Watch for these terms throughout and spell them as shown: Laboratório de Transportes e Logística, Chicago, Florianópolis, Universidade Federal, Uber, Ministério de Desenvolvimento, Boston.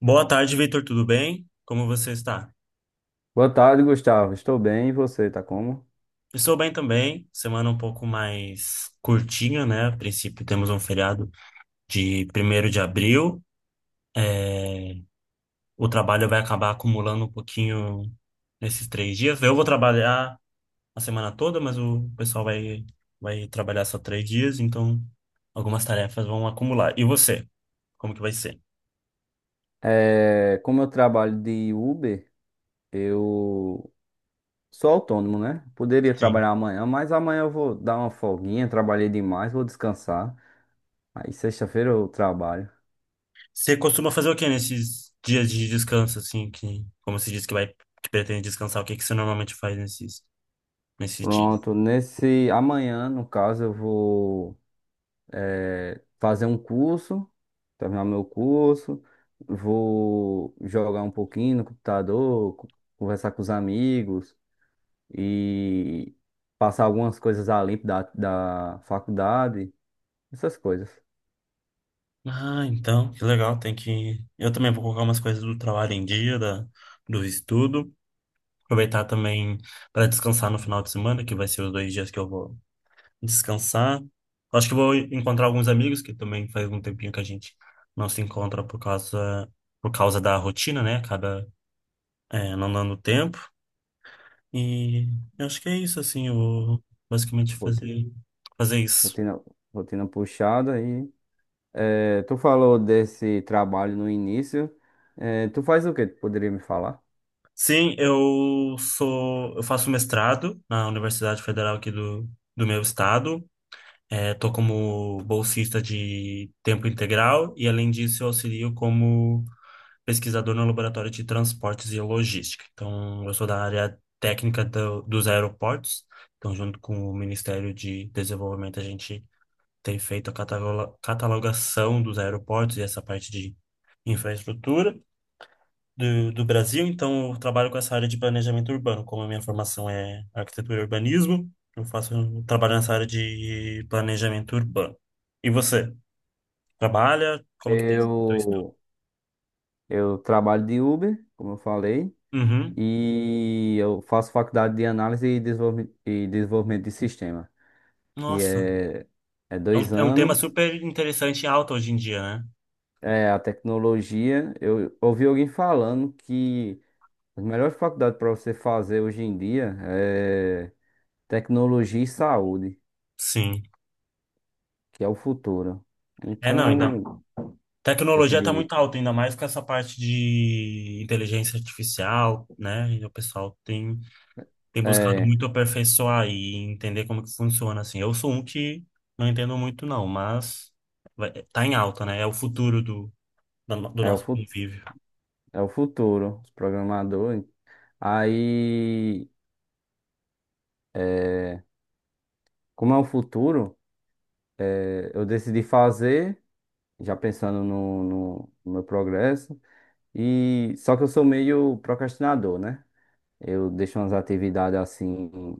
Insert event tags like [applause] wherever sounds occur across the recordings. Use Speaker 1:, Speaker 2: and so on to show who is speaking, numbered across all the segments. Speaker 1: Boa tarde, Vitor. Tudo bem? Como você está?
Speaker 2: Boa tarde, Gustavo. Estou bem, e você, tá como?
Speaker 1: Estou bem também. Semana um pouco mais curtinha, né? A princípio, temos um feriado de 1º de abril. É. O trabalho vai acabar acumulando um pouquinho nesses 3 dias. Eu vou trabalhar a semana toda, mas o pessoal vai trabalhar só 3 dias, então algumas tarefas vão acumular. E você? Como que vai ser?
Speaker 2: É, como eu trabalho de Uber, eu sou autônomo, né? Poderia trabalhar amanhã, mas amanhã eu vou dar uma folguinha, trabalhei demais, vou descansar. Aí sexta-feira eu trabalho.
Speaker 1: Você costuma fazer o que nesses dias de descanso, assim, como você disse que vai, que pretende descansar, o que que você normalmente faz nesses dias?
Speaker 2: Pronto, nesse amanhã, no caso, eu vou fazer um curso, terminar meu curso, vou jogar um pouquinho no computador, conversar com os amigos. E passar algumas coisas a limpo da faculdade, essas coisas.
Speaker 1: Ah, então, que legal, tem que... Eu também vou colocar umas coisas do trabalho em dia, do estudo, aproveitar também para descansar no final de semana, que vai ser os 2 dias que eu vou descansar. Acho que vou encontrar alguns amigos, que também faz um tempinho que a gente não se encontra por causa da rotina, né? Acaba, não dando tempo. E eu acho que é isso, assim, eu vou basicamente
Speaker 2: Rotina,
Speaker 1: fazer isso.
Speaker 2: rotina, rotina puxada. E tu falou desse trabalho no início. Tu faz o que? Tu poderia me falar?
Speaker 1: Sim, eu faço mestrado na Universidade Federal aqui do meu estado. É, tô como bolsista de tempo integral e, além disso, eu auxilio como pesquisador no Laboratório de Transportes e Logística. Então, eu sou da área técnica dos aeroportos. Então, junto com o Ministério de Desenvolvimento, a gente tem feito a catalogação dos aeroportos e essa parte de infraestrutura do Brasil, então eu trabalho com essa área de planejamento urbano, como a minha formação é arquitetura e urbanismo, eu trabalho nessa área de planejamento urbano. E você, trabalha? Como que tem sido o teu estudo?
Speaker 2: Eu eu trabalho de Uber, como eu falei,
Speaker 1: Uhum.
Speaker 2: e eu faço faculdade de análise e desenvolvimento de sistema, que
Speaker 1: Nossa,
Speaker 2: é
Speaker 1: é um,
Speaker 2: dois
Speaker 1: é um tema
Speaker 2: anos.
Speaker 1: super interessante e alto hoje em dia, né?
Speaker 2: É, a tecnologia, eu ouvi alguém falando que as melhores faculdades para você fazer hoje em dia é tecnologia e saúde,
Speaker 1: Sim.
Speaker 2: que é o futuro.
Speaker 1: É, não, ainda.
Speaker 2: Então,
Speaker 1: Tecnologia está
Speaker 2: decidi,
Speaker 1: muito alta, ainda mais com essa parte de inteligência artificial, né? E o pessoal tem buscado
Speaker 2: é,
Speaker 1: muito aperfeiçoar e entender como que funciona, assim. Eu sou um que não entendo muito, não, mas vai, tá em alta, né? É o futuro do, da no- do
Speaker 2: é o,
Speaker 1: nosso
Speaker 2: fu-
Speaker 1: convívio.
Speaker 2: é o futuro, os programadores. Aí, é, como é o futuro, eu decidi fazer, já pensando no meu progresso, e só que eu sou meio procrastinador, né? Eu deixo umas atividades assim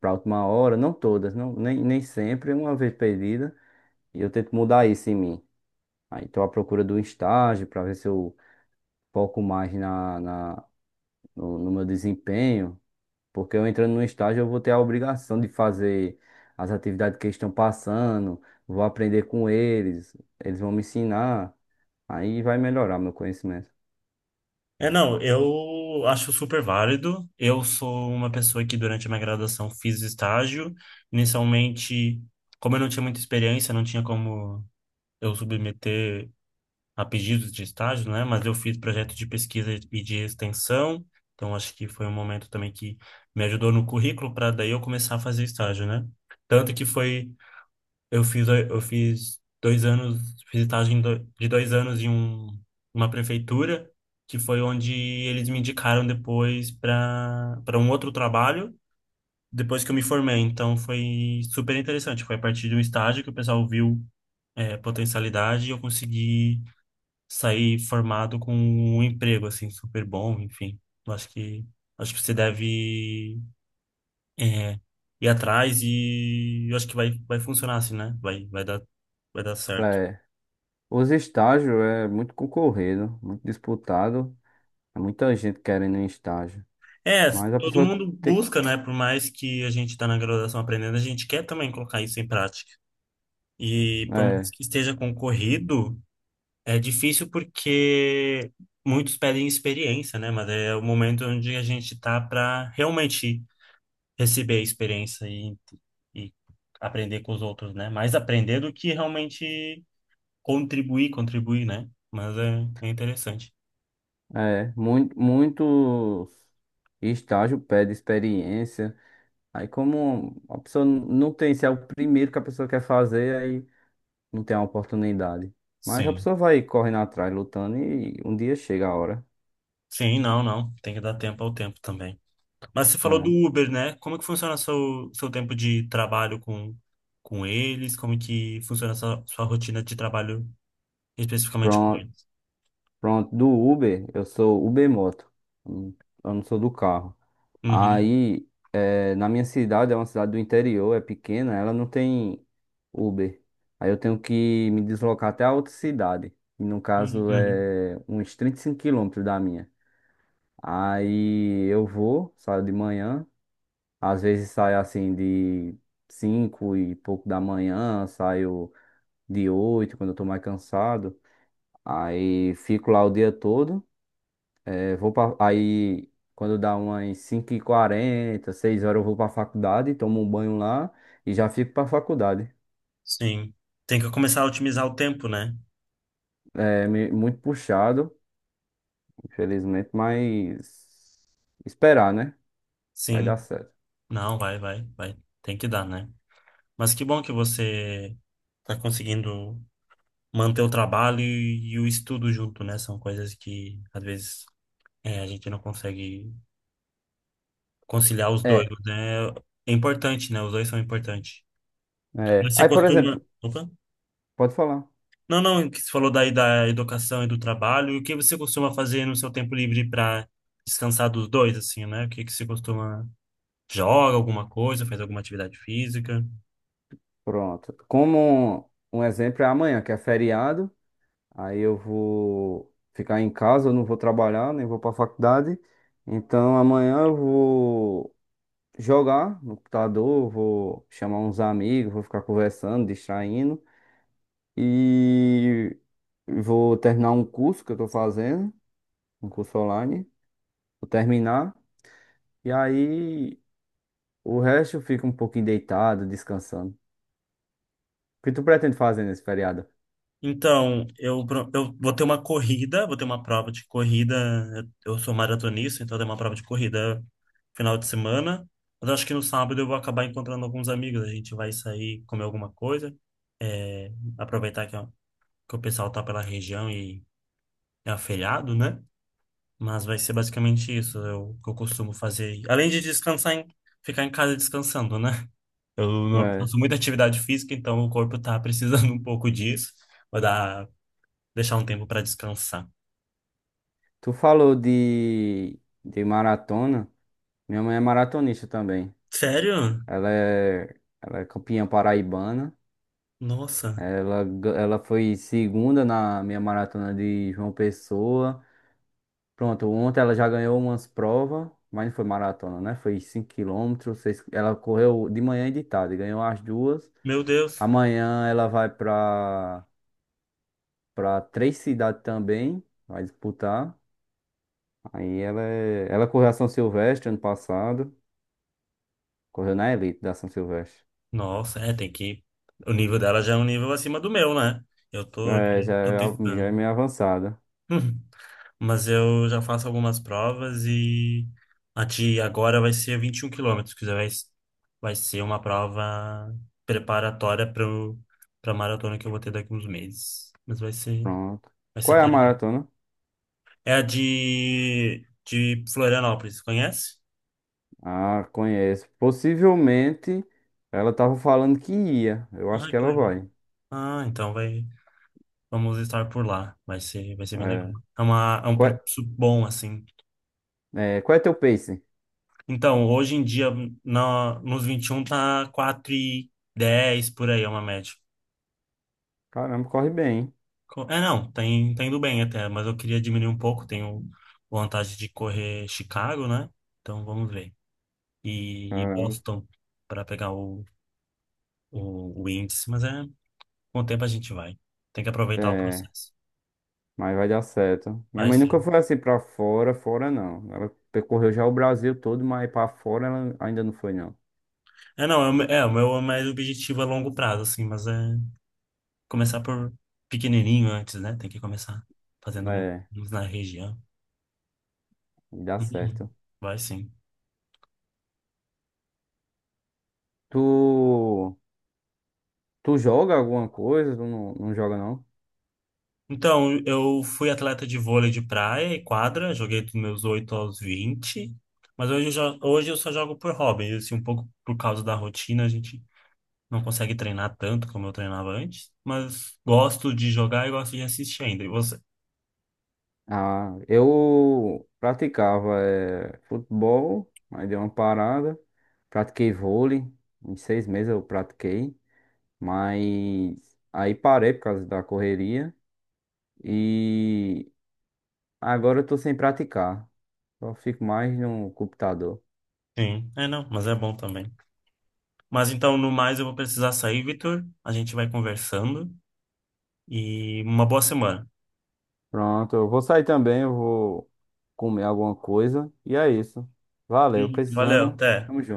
Speaker 2: para última hora, não todas, não, nem sempre, uma vez perdida, e eu tento mudar isso em mim. Aí estou à procura do estágio para ver se eu foco mais na, na, no, no meu desempenho, porque eu entrando no estágio eu vou ter a obrigação de fazer as atividades que eles estão passando, vou aprender com eles, eles vão me ensinar, aí vai melhorar meu conhecimento.
Speaker 1: É, não, eu acho super válido. Eu sou uma pessoa que durante a minha graduação fiz estágio. Inicialmente, como eu não tinha muita experiência, não tinha como eu submeter a pedidos de estágio, né? Mas eu fiz projeto de pesquisa e de extensão, então acho que foi um momento também que me ajudou no currículo para daí eu começar a fazer estágio, né? Tanto que foi, eu fiz 2 anos, fiz estágio de 2 anos uma prefeitura, que foi onde eles me indicaram depois para um outro trabalho, depois que eu me formei. Então foi super interessante, foi a partir de um estágio que o pessoal viu potencialidade e eu consegui sair formado com um emprego assim super bom, enfim. Eu acho que você deve é, ir atrás e eu acho que vai funcionar assim, né? Vai dar certo.
Speaker 2: É, os estágios é muito concorrido, muito disputado. É muita gente querendo um estágio.
Speaker 1: É,
Speaker 2: Mas a
Speaker 1: todo
Speaker 2: pessoa
Speaker 1: mundo
Speaker 2: tem.
Speaker 1: busca, né? Por mais que a gente está na graduação aprendendo, a gente quer também colocar isso em prática. E por mais
Speaker 2: É,
Speaker 1: que esteja concorrido, é difícil porque muitos pedem experiência, né? Mas é o momento onde a gente está para realmente receber a experiência e aprender com os outros, né? Mais aprender do que realmente contribuir, contribuir, né? Mas é interessante.
Speaker 2: é. Muito, muitos estágio pede experiência. Aí, como a pessoa não tem, se é o primeiro que a pessoa quer fazer, aí não tem a oportunidade. Mas a
Speaker 1: Sim.
Speaker 2: pessoa vai correndo atrás, lutando, e um dia chega a hora.
Speaker 1: Sim, não, não. Tem que dar tempo ao tempo também. Mas você falou do
Speaker 2: É.
Speaker 1: Uber, né? Como que funciona seu tempo de trabalho com eles? Como que funciona sua rotina de trabalho especificamente com
Speaker 2: Pronto,
Speaker 1: eles?
Speaker 2: pronto. Do Uber, eu sou Uber Moto. Eu não eu não sou do carro.
Speaker 1: Uhum.
Speaker 2: Aí. É, Na minha cidade, é uma cidade do interior, é pequena, ela não tem Uber. Aí eu tenho que me deslocar até a outra cidade. E no
Speaker 1: Uhum.
Speaker 2: caso
Speaker 1: Uhum.
Speaker 2: é uns 35 quilômetros da minha. Aí eu vou, saio de manhã. Às vezes saio assim de 5 e pouco da manhã, saio de 8 quando eu tô mais cansado. Aí fico lá o dia todo. Eu vou pra, aí, quando dá umas cinco e quarenta seis horas, eu vou pra faculdade, tomo um banho lá e já fico pra faculdade.
Speaker 1: Sim. Tem que começar a otimizar o tempo, né?
Speaker 2: É me- muito puxado, infelizmente, mas esperar, né? Vai dar
Speaker 1: Sim.
Speaker 2: certo.
Speaker 1: Não, vai, vai, vai. Tem que dar, né? Mas que bom que você está conseguindo manter o trabalho e o estudo junto, né? São coisas que às vezes a gente não consegue conciliar os dois,
Speaker 2: É,
Speaker 1: né? É importante, né? Os dois são importantes.
Speaker 2: é.
Speaker 1: Você
Speaker 2: Aí, por
Speaker 1: costuma.
Speaker 2: exemplo,
Speaker 1: Opa?
Speaker 2: pode falar.
Speaker 1: Não, não, que você falou daí da educação e do trabalho. E o que você costuma fazer no seu tempo livre para descansar dos dois, assim, né? O que que você costuma. Joga alguma coisa, faz alguma atividade física?
Speaker 2: Pronto. Como um exemplo é amanhã, que é feriado, aí eu vou ficar em casa, eu não vou trabalhar, nem vou pra faculdade. Então, amanhã eu vou jogar no computador, vou chamar uns amigos, vou ficar conversando, distraindo e vou terminar um curso que eu tô fazendo, um curso online, vou terminar e aí o resto eu fico um pouquinho deitado, descansando. O que tu pretende fazer nesse feriado?
Speaker 1: Então, eu vou ter uma corrida, vou ter uma prova de corrida. Eu sou maratonista, então tem uma prova de corrida final de semana. Mas acho que no sábado eu vou acabar encontrando alguns amigos. A gente vai sair, comer alguma coisa, é, aproveitar ó, que o pessoal tá pela região e é aferiado, né? Mas vai ser basicamente isso eu, que eu costumo fazer. Além de descansar, ficar em casa descansando, né? Eu não-
Speaker 2: É.
Speaker 1: faço muita atividade física, então o corpo tá precisando [laughs] um pouco disso. Vou dar Deixar um tempo pra descansar.
Speaker 2: Tu falou de maratona. Minha mãe é maratonista também.
Speaker 1: Sério?
Speaker 2: Ela é, ela é campeã paraibana.
Speaker 1: Nossa.
Speaker 2: Ela foi segunda na minha maratona de João Pessoa. Pronto, ontem ela já ganhou umas provas, mas não foi maratona, né? Foi 5 quilômetros, seis ela correu de manhã e de tarde, ganhou as duas.
Speaker 1: Meu Deus.
Speaker 2: Amanhã ela vai para três cidades também, vai disputar. Aí ela correu a São Silvestre ano passado, correu na elite da São Silvestre.
Speaker 1: Nossa, tem que. O nível dela já é um nível acima do meu, né? Eu
Speaker 2: É,
Speaker 1: tô aqui,
Speaker 2: já
Speaker 1: tô
Speaker 2: é, já é
Speaker 1: tentando.
Speaker 2: meio avançada.
Speaker 1: Hum. Mas eu já faço algumas provas e a de agora vai ser 21 quilômetros, que já vai ser uma prova preparatória para maratona que eu vou ter daqui uns meses. Mas vai ser,
Speaker 2: Pronto.
Speaker 1: vai ser
Speaker 2: Qual é a
Speaker 1: interessante.
Speaker 2: maratona?
Speaker 1: É a de Florianópolis, conhece?
Speaker 2: Ah, conheço. Possivelmente ela tava falando que ia. Eu
Speaker 1: Ah,
Speaker 2: acho que
Speaker 1: que
Speaker 2: ela
Speaker 1: legal.
Speaker 2: vai.
Speaker 1: Ah, então vai. Vamos estar por lá. Vai ser bem legal.
Speaker 2: É.
Speaker 1: É um
Speaker 2: Qual
Speaker 1: percurso bom, assim.
Speaker 2: qual é teu pace?
Speaker 1: Então, hoje em dia, nos 21 tá 4 e 10 por aí, é uma média.
Speaker 2: Caramba, corre bem, hein?
Speaker 1: É, não, tá indo bem até, mas eu queria diminuir um pouco. Tenho vontade de correr Chicago, né? Então, vamos ver. E
Speaker 2: Caramba.
Speaker 1: Boston para pegar o índice, mas com o tempo a gente vai. Tem que aproveitar o
Speaker 2: É,
Speaker 1: processo.
Speaker 2: mas vai dar certo. Minha
Speaker 1: Vai
Speaker 2: mãe nunca
Speaker 1: sim.
Speaker 2: foi assim pra fora, fora não. Ela percorreu já o Brasil todo, mas pra fora ela ainda não foi não.
Speaker 1: É, não, o meu é mais objetivo a longo prazo, assim, mas é começar por pequenininho antes, né? Tem que começar fazendo
Speaker 2: É,
Speaker 1: uns na região.
Speaker 2: dá
Speaker 1: Uhum.
Speaker 2: certo.
Speaker 1: Vai sim.
Speaker 2: Tu, tu joga alguma coisa? Tu não, não joga não?
Speaker 1: Então, eu fui atleta de vôlei de praia e quadra, joguei dos meus 8 aos 20, mas hoje eu só jogo por hobby, assim, um pouco por causa da rotina, a gente não consegue treinar tanto como eu treinava antes, mas gosto de jogar e gosto de assistir ainda. E você?
Speaker 2: Ah, eu praticava futebol, mas dei uma parada. Pratiquei vôlei, em 6 meses eu pratiquei, mas aí parei por causa da correria e agora eu tô sem praticar. Só fico mais no computador.
Speaker 1: Sim, é não, mas é bom também. Mas então, no mais, eu vou precisar sair, Vitor. A gente vai conversando e uma boa semana.
Speaker 2: Pronto, eu vou sair também, eu vou comer alguma coisa e é isso. Valeu,
Speaker 1: Uhum. Valeu,
Speaker 2: precisando.
Speaker 1: até.
Speaker 2: Tamo junto.